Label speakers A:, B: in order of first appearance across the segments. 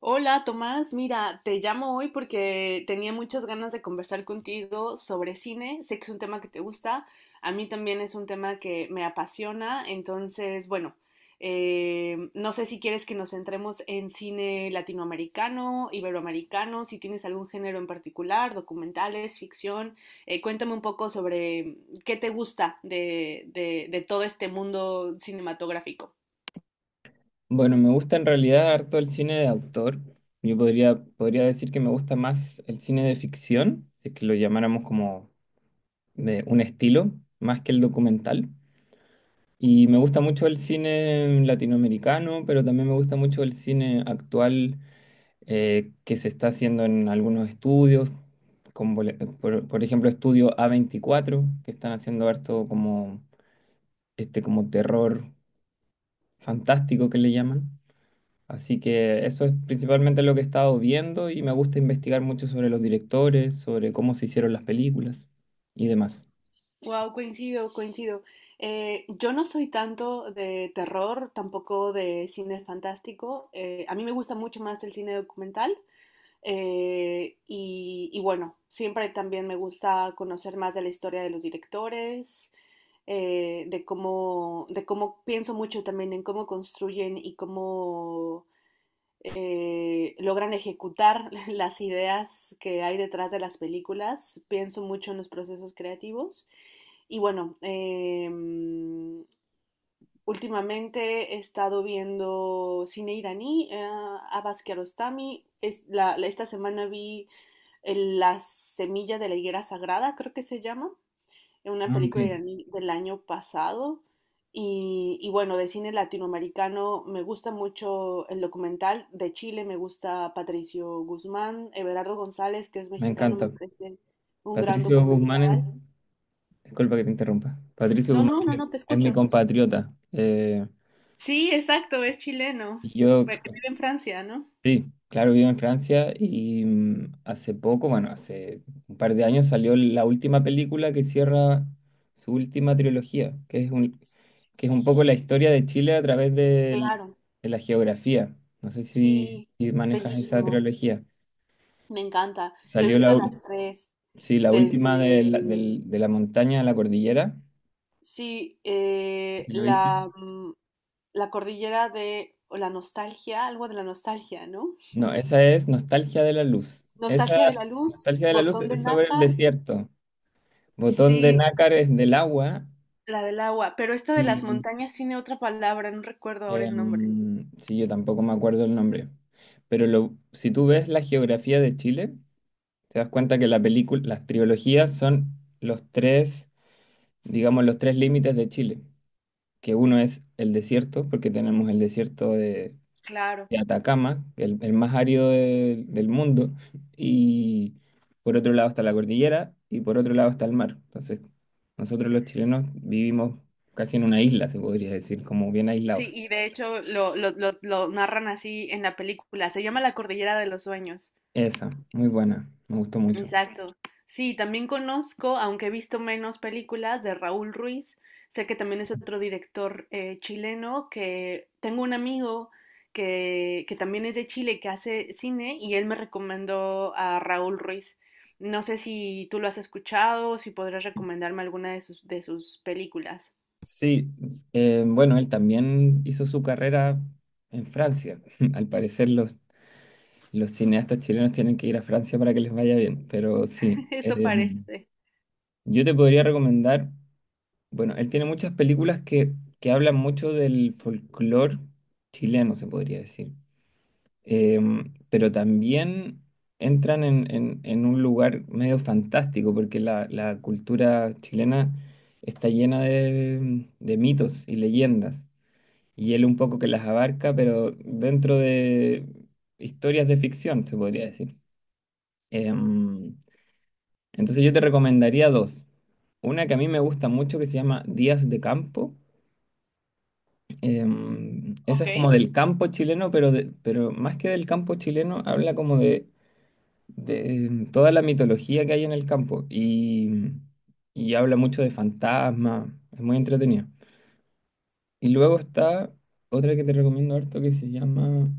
A: Hola Tomás, mira, te llamo hoy porque tenía muchas ganas de conversar contigo sobre cine. Sé que es un tema que te gusta, a mí también es un tema que me apasiona, entonces, bueno, no sé si quieres que nos centremos en cine latinoamericano, iberoamericano, si tienes algún género en particular, documentales, ficción. Cuéntame un poco sobre qué te gusta de todo este mundo cinematográfico.
B: Bueno, me gusta en realidad harto el cine de autor. Yo podría decir que me gusta más el cine de ficción, es que lo llamáramos como de un estilo, más que el documental. Y me gusta mucho el cine latinoamericano, pero también me gusta mucho el cine actual, que se está haciendo en algunos estudios, como por ejemplo estudio a 24, que están haciendo harto como, este, como terror fantástico que le llaman. Así que eso es principalmente lo que he estado viendo y me gusta investigar mucho sobre los directores, sobre cómo se hicieron las películas y demás.
A: Wow, coincido, coincido. Yo no soy tanto de terror, tampoco de cine fantástico. A mí me gusta mucho más el cine documental. Y bueno, siempre también me gusta conocer más de la historia de los directores, de cómo pienso mucho también en cómo construyen y cómo logran ejecutar las ideas que hay detrás de las películas. Pienso mucho en los procesos creativos. Y bueno, últimamente he estado viendo cine iraní, Abbas Kiarostami. Es esta semana vi La semilla de la higuera sagrada, creo que se llama una
B: Ah, ok.
A: película iraní del año pasado. Y bueno, de cine latinoamericano me gusta mucho el documental. De Chile me gusta Patricio Guzmán, Everardo González, que es
B: Me
A: mexicano, me
B: encanta.
A: parece un gran
B: Patricio Guzmán es,
A: documental.
B: disculpa que te interrumpa. Patricio
A: No,
B: Guzmán
A: no, no, no, te
B: es mi
A: escucho.
B: compatriota. Eh,
A: Sí, exacto, es chileno,
B: y yo
A: pero que vive en Francia, ¿no?
B: Sí, claro, vivo en Francia y, mm, hace poco, bueno, hace un par de años salió la última película que cierra su última trilogía, que es un poco la historia de Chile a través del-
A: Claro,
B: de la geografía. No sé si,
A: sí,
B: si manejas esa
A: bellísimo,
B: trilogía.
A: me encanta. Yo he
B: Salió la,
A: visto las
B: ul-
A: tres,
B: sí, la
A: desde
B: última de de la montaña a la cordillera.
A: sí,
B: ¿Sí la viste?
A: la, la cordillera de, o la nostalgia, algo de la nostalgia, ¿no?
B: No, esa es Nostalgia de la Luz. Esa
A: Nostalgia de la luz,
B: Nostalgia de la Luz
A: botón de
B: es sobre el
A: nácar,
B: desierto. Botón de
A: sí,
B: Nácar es del agua.
A: la del agua, pero esta de las
B: Y
A: montañas tiene otra palabra, no recuerdo ahora el nombre.
B: sí, yo tampoco me acuerdo el nombre. Si tú ves la geografía de Chile, te das cuenta que la película, las trilogías son los tres, digamos, los tres límites de Chile. Que uno es el desierto, porque tenemos el desierto
A: Claro,
B: de Atacama, el más árido del mundo. Y por otro lado está la cordillera y por otro lado está el mar. Entonces, nosotros los chilenos vivimos casi en una isla, se podría decir, como bien
A: sí,
B: aislados.
A: y de hecho lo narran así en la película, se llama la cordillera de los sueños.
B: Esa, muy buena, me gustó mucho.
A: Exacto. Sí, también conozco, aunque he visto menos películas, de Raúl Ruiz. Sé que también es otro director chileno, que tengo un amigo que también es de Chile, que hace cine, y él me recomendó a Raúl Ruiz. No sé si tú lo has escuchado o si podrás recomendarme alguna de sus películas.
B: Sí, bueno, él también hizo su carrera en Francia. Al parecer los cineastas chilenos tienen que ir a Francia para que les vaya bien, pero sí,
A: Eso parece.
B: yo te podría recomendar, bueno, él tiene muchas que hablan mucho del folclore chileno, se podría decir. Pero también entran en un lugar medio fantástico, porque la cultura chilena está llena de mitos y leyendas, y él un poco que las abarca, pero dentro de historias de ficción, se podría decir. Em, entonces yo te recomendaría dos. Una que a mí me gusta mucho que se llama Días de Campo. Esa
A: Ok.
B: es como del campo chileno, pero, pero más que del campo chileno, habla como de toda la mitología que hay en el campo y habla mucho de fantasmas, es muy entretenido. Y luego está otra que te recomiendo harto que se llama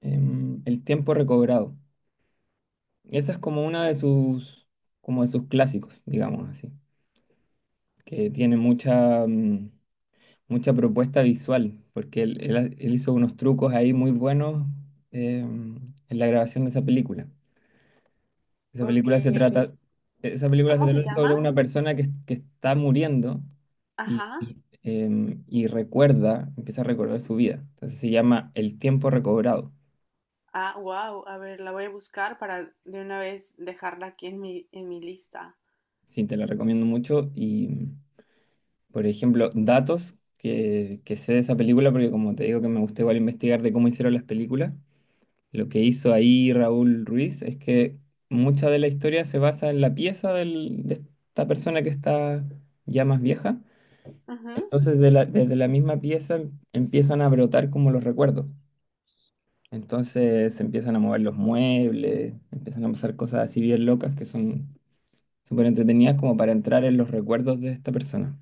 B: El tiempo recobrado. Esa es como una de como de sus clásicos, digamos así, que tiene mucha propuesta visual, porque él hizo unos trucos ahí muy buenos em, en la grabación de esa película. Esa
A: Ok.
B: película se trata, esa película se
A: ¿Cómo se
B: trata sobre
A: llama?
B: una persona que está muriendo y,
A: Ajá.
B: y, em, y recuerda, empieza a recordar su vida. Entonces se llama El tiempo recobrado.
A: Ah, wow, a ver, la voy a buscar para de una vez dejarla aquí en mi lista.
B: Sí, te la recomiendo mucho. Y, por ejemplo, datos que sé de esa película, porque como te digo que me gusta igual investigar de cómo hicieron las películas, lo que hizo ahí Raúl Ruiz es que mucha de la historia se basa en la pieza de esta persona que está ya más vieja. Entonces, desde la misma pieza empiezan a brotar como los recuerdos. Entonces, se empiezan a mover los muebles, empiezan a pasar cosas así bien locas que son súper entretenidas como para entrar en los recuerdos de esta persona.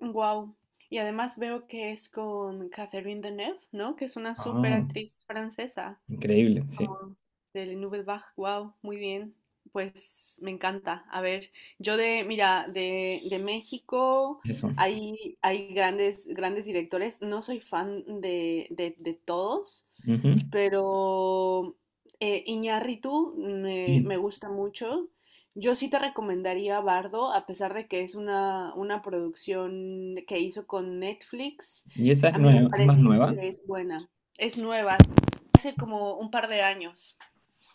A: Wow. Y además veo que es con Catherine Deneuve, ¿no? Que es una súper
B: Ah,
A: actriz francesa.
B: increíble, sí.
A: Como del Nubelbach, wow, muy bien. Pues me encanta. A ver, yo de, mira, de México
B: Eso.
A: hay, hay grandes, grandes directores. No soy fan de todos,
B: Ujú.
A: pero Iñárritu me,
B: Sí.
A: me gusta mucho. Yo sí te recomendaría Bardo, a pesar de que es una producción que hizo con Netflix.
B: Y esa es
A: A mí me
B: nueva, es más
A: parece
B: nueva.
A: que es buena. Es nueva, hace como un par de años,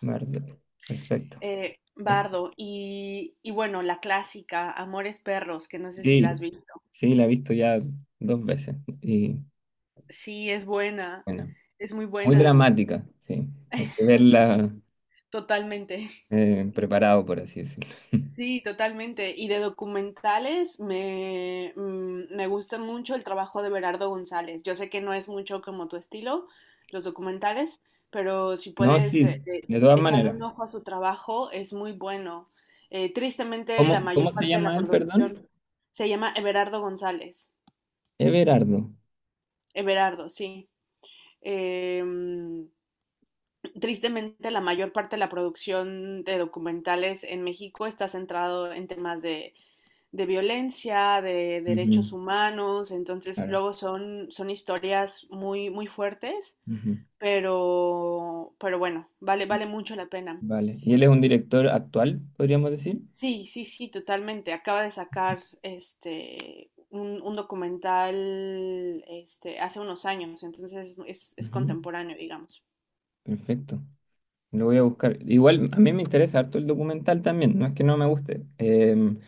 B: Verde. Perfecto. Eh,
A: Bardo, y bueno, la clásica, Amores Perros, que no sé si la
B: Sí,
A: has visto.
B: sí, la he visto ya dos veces. Y
A: Sí, es buena,
B: bueno,
A: es muy
B: muy
A: buena,
B: dramática, sí. Hay que verla
A: totalmente.
B: preparado, por así decirlo.
A: Sí, totalmente. Y de documentales me, me gusta mucho el trabajo de Berardo González. Yo sé que no es mucho como tu estilo, los documentales, pero si
B: No,
A: puedes
B: sí, de todas
A: echarle
B: maneras.
A: un ojo a su trabajo, es muy bueno. Tristemente, la
B: ¿Cómo
A: mayor
B: se
A: parte de la
B: llama él, perdón?
A: producción se llama Everardo González.
B: Everardo.
A: Everardo, sí. Eh, mm, Tristemente, la mayor parte de la producción de documentales en México está centrado en temas de violencia, de
B: Ujú,
A: derechos humanos, entonces
B: claro.
A: luego son, son historias muy, muy fuertes,
B: Ujú.
A: pero bueno, vale, vale mucho la pena.
B: Vale. ¿Y él es un director actual, podríamos decir?
A: Sí, sí, sí, totalmente. Acaba de sacar este un documental este hace unos años, entonces es
B: Ujú.
A: contemporáneo, digamos.
B: Perfecto. Lo voy a buscar. Igual a mí me interesa harto el documental también, no es que no me guste.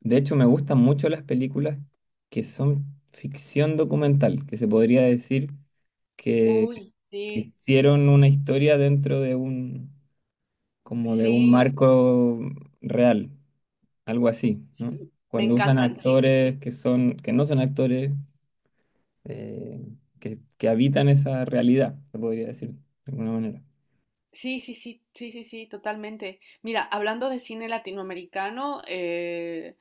B: De hecho, me gustan mucho las películas que son ficción documental, que se podría decir que,
A: Uy,
B: que
A: sí,
B: hicieron una historia dentro de un, como de un
A: sí,
B: marco real. Algo así, ¿no?
A: sí, me
B: Cuando usan
A: encantan, sí, sí, sí.
B: actores que no son actores, eh, que habitan esa realidad, se podría decir de alguna manera.
A: Sí, sí, sí, sí, sí, sí, totalmente. Mira, hablando de cine latinoamericano,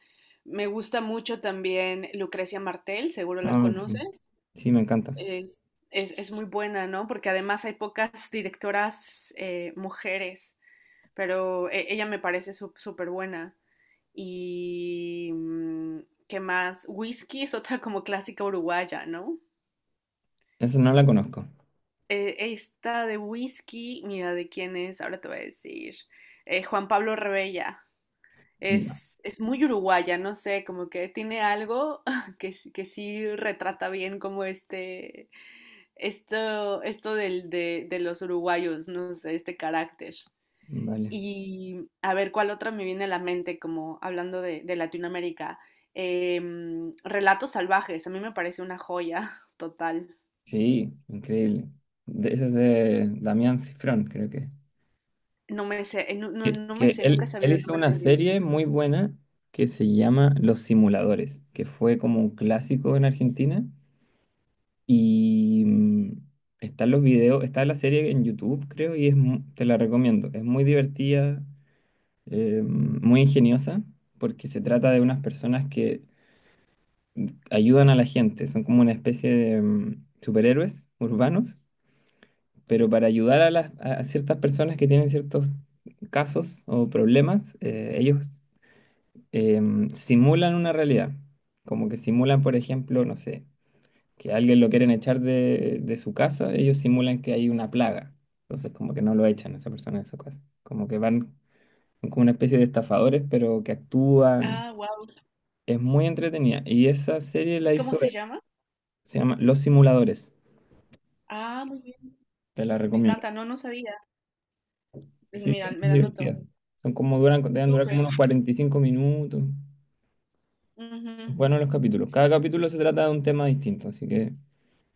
A: me gusta mucho también Lucrecia Martel, seguro la
B: Ah, sí.
A: conoces.
B: Sí, me encanta.
A: Es, es muy buena, ¿no? Porque además hay pocas directoras mujeres, pero ella me parece súper buena. Y, ¿qué más? Whisky es otra como clásica uruguaya, ¿no?
B: Eso no la conozco.
A: Esta de whisky, mira, ¿de quién es? Ahora te voy a decir. Juan Pablo Rebella.
B: Ya.
A: Es muy uruguaya, no sé, como que tiene algo que, que sí retrata bien como este, esto del, de los uruguayos, no sé, este carácter.
B: Vale.
A: Y a ver, ¿cuál otra me viene a la mente como hablando de Latinoamérica? Em, Relatos salvajes, a mí me parece una joya total.
B: Sí, increíble. De, esa es de Damián Cifrón, creo que.
A: No me sé, no,
B: Que,
A: no me
B: que
A: sé, nunca he
B: él
A: sabido el
B: hizo
A: nombre
B: una
A: del libro.
B: serie muy buena que se llama Los Simuladores, que fue como un clásico en Argentina. Y mm, Están los videos, está la serie en YouTube, creo, y es, te la recomiendo. Es muy divertida, muy ingeniosa, porque se trata de unas personas que ayudan a la gente. Son como una especie de superhéroes urbanos, pero para ayudar a ciertas personas que tienen ciertos casos o problemas, ellos simulan una realidad. Como que simulan, por ejemplo, no sé. Que a alguien lo quieren echar de su casa, ellos simulan que hay una plaga. Entonces, como que no lo echan a esa persona de su casa. Como que van como una especie de estafadores, pero que actúan.
A: Ah, wow.
B: Es muy entretenida. Y esa serie la
A: ¿Cómo
B: hizo
A: se
B: él.
A: llama?
B: Se llama Los Simuladores.
A: Ah, muy bien.
B: Te la
A: Me
B: recomiendo.
A: encanta. No, no sabía.
B: Sí,
A: Mira,
B: son
A: me la anoto.
B: divertidas. Son deben durar como
A: Súper.
B: unos 45 minutos. Bueno,
A: Ujú.
B: los capítulos. Cada capítulo se trata de un tema distinto, así que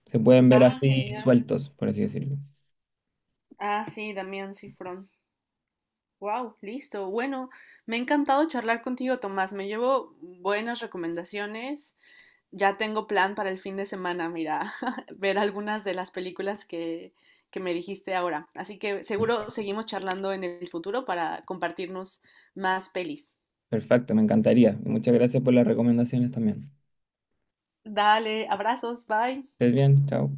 B: se pueden ver
A: Ah,
B: así
A: genial.
B: sueltos, por así decirlo.
A: Ah, sí, Damián Cifrón. Wow, listo. Bueno, me ha encantado charlar contigo, Tomás. Me llevo buenas recomendaciones. Ya tengo plan para el fin de semana, mira, ver algunas de las películas que me dijiste ahora. Así que seguro seguimos charlando en el futuro para compartirnos más pelis.
B: Perfecto, me encantaría. Y muchas gracias por las recomendaciones también.
A: Dale, abrazos, bye.
B: Estés bien, chao.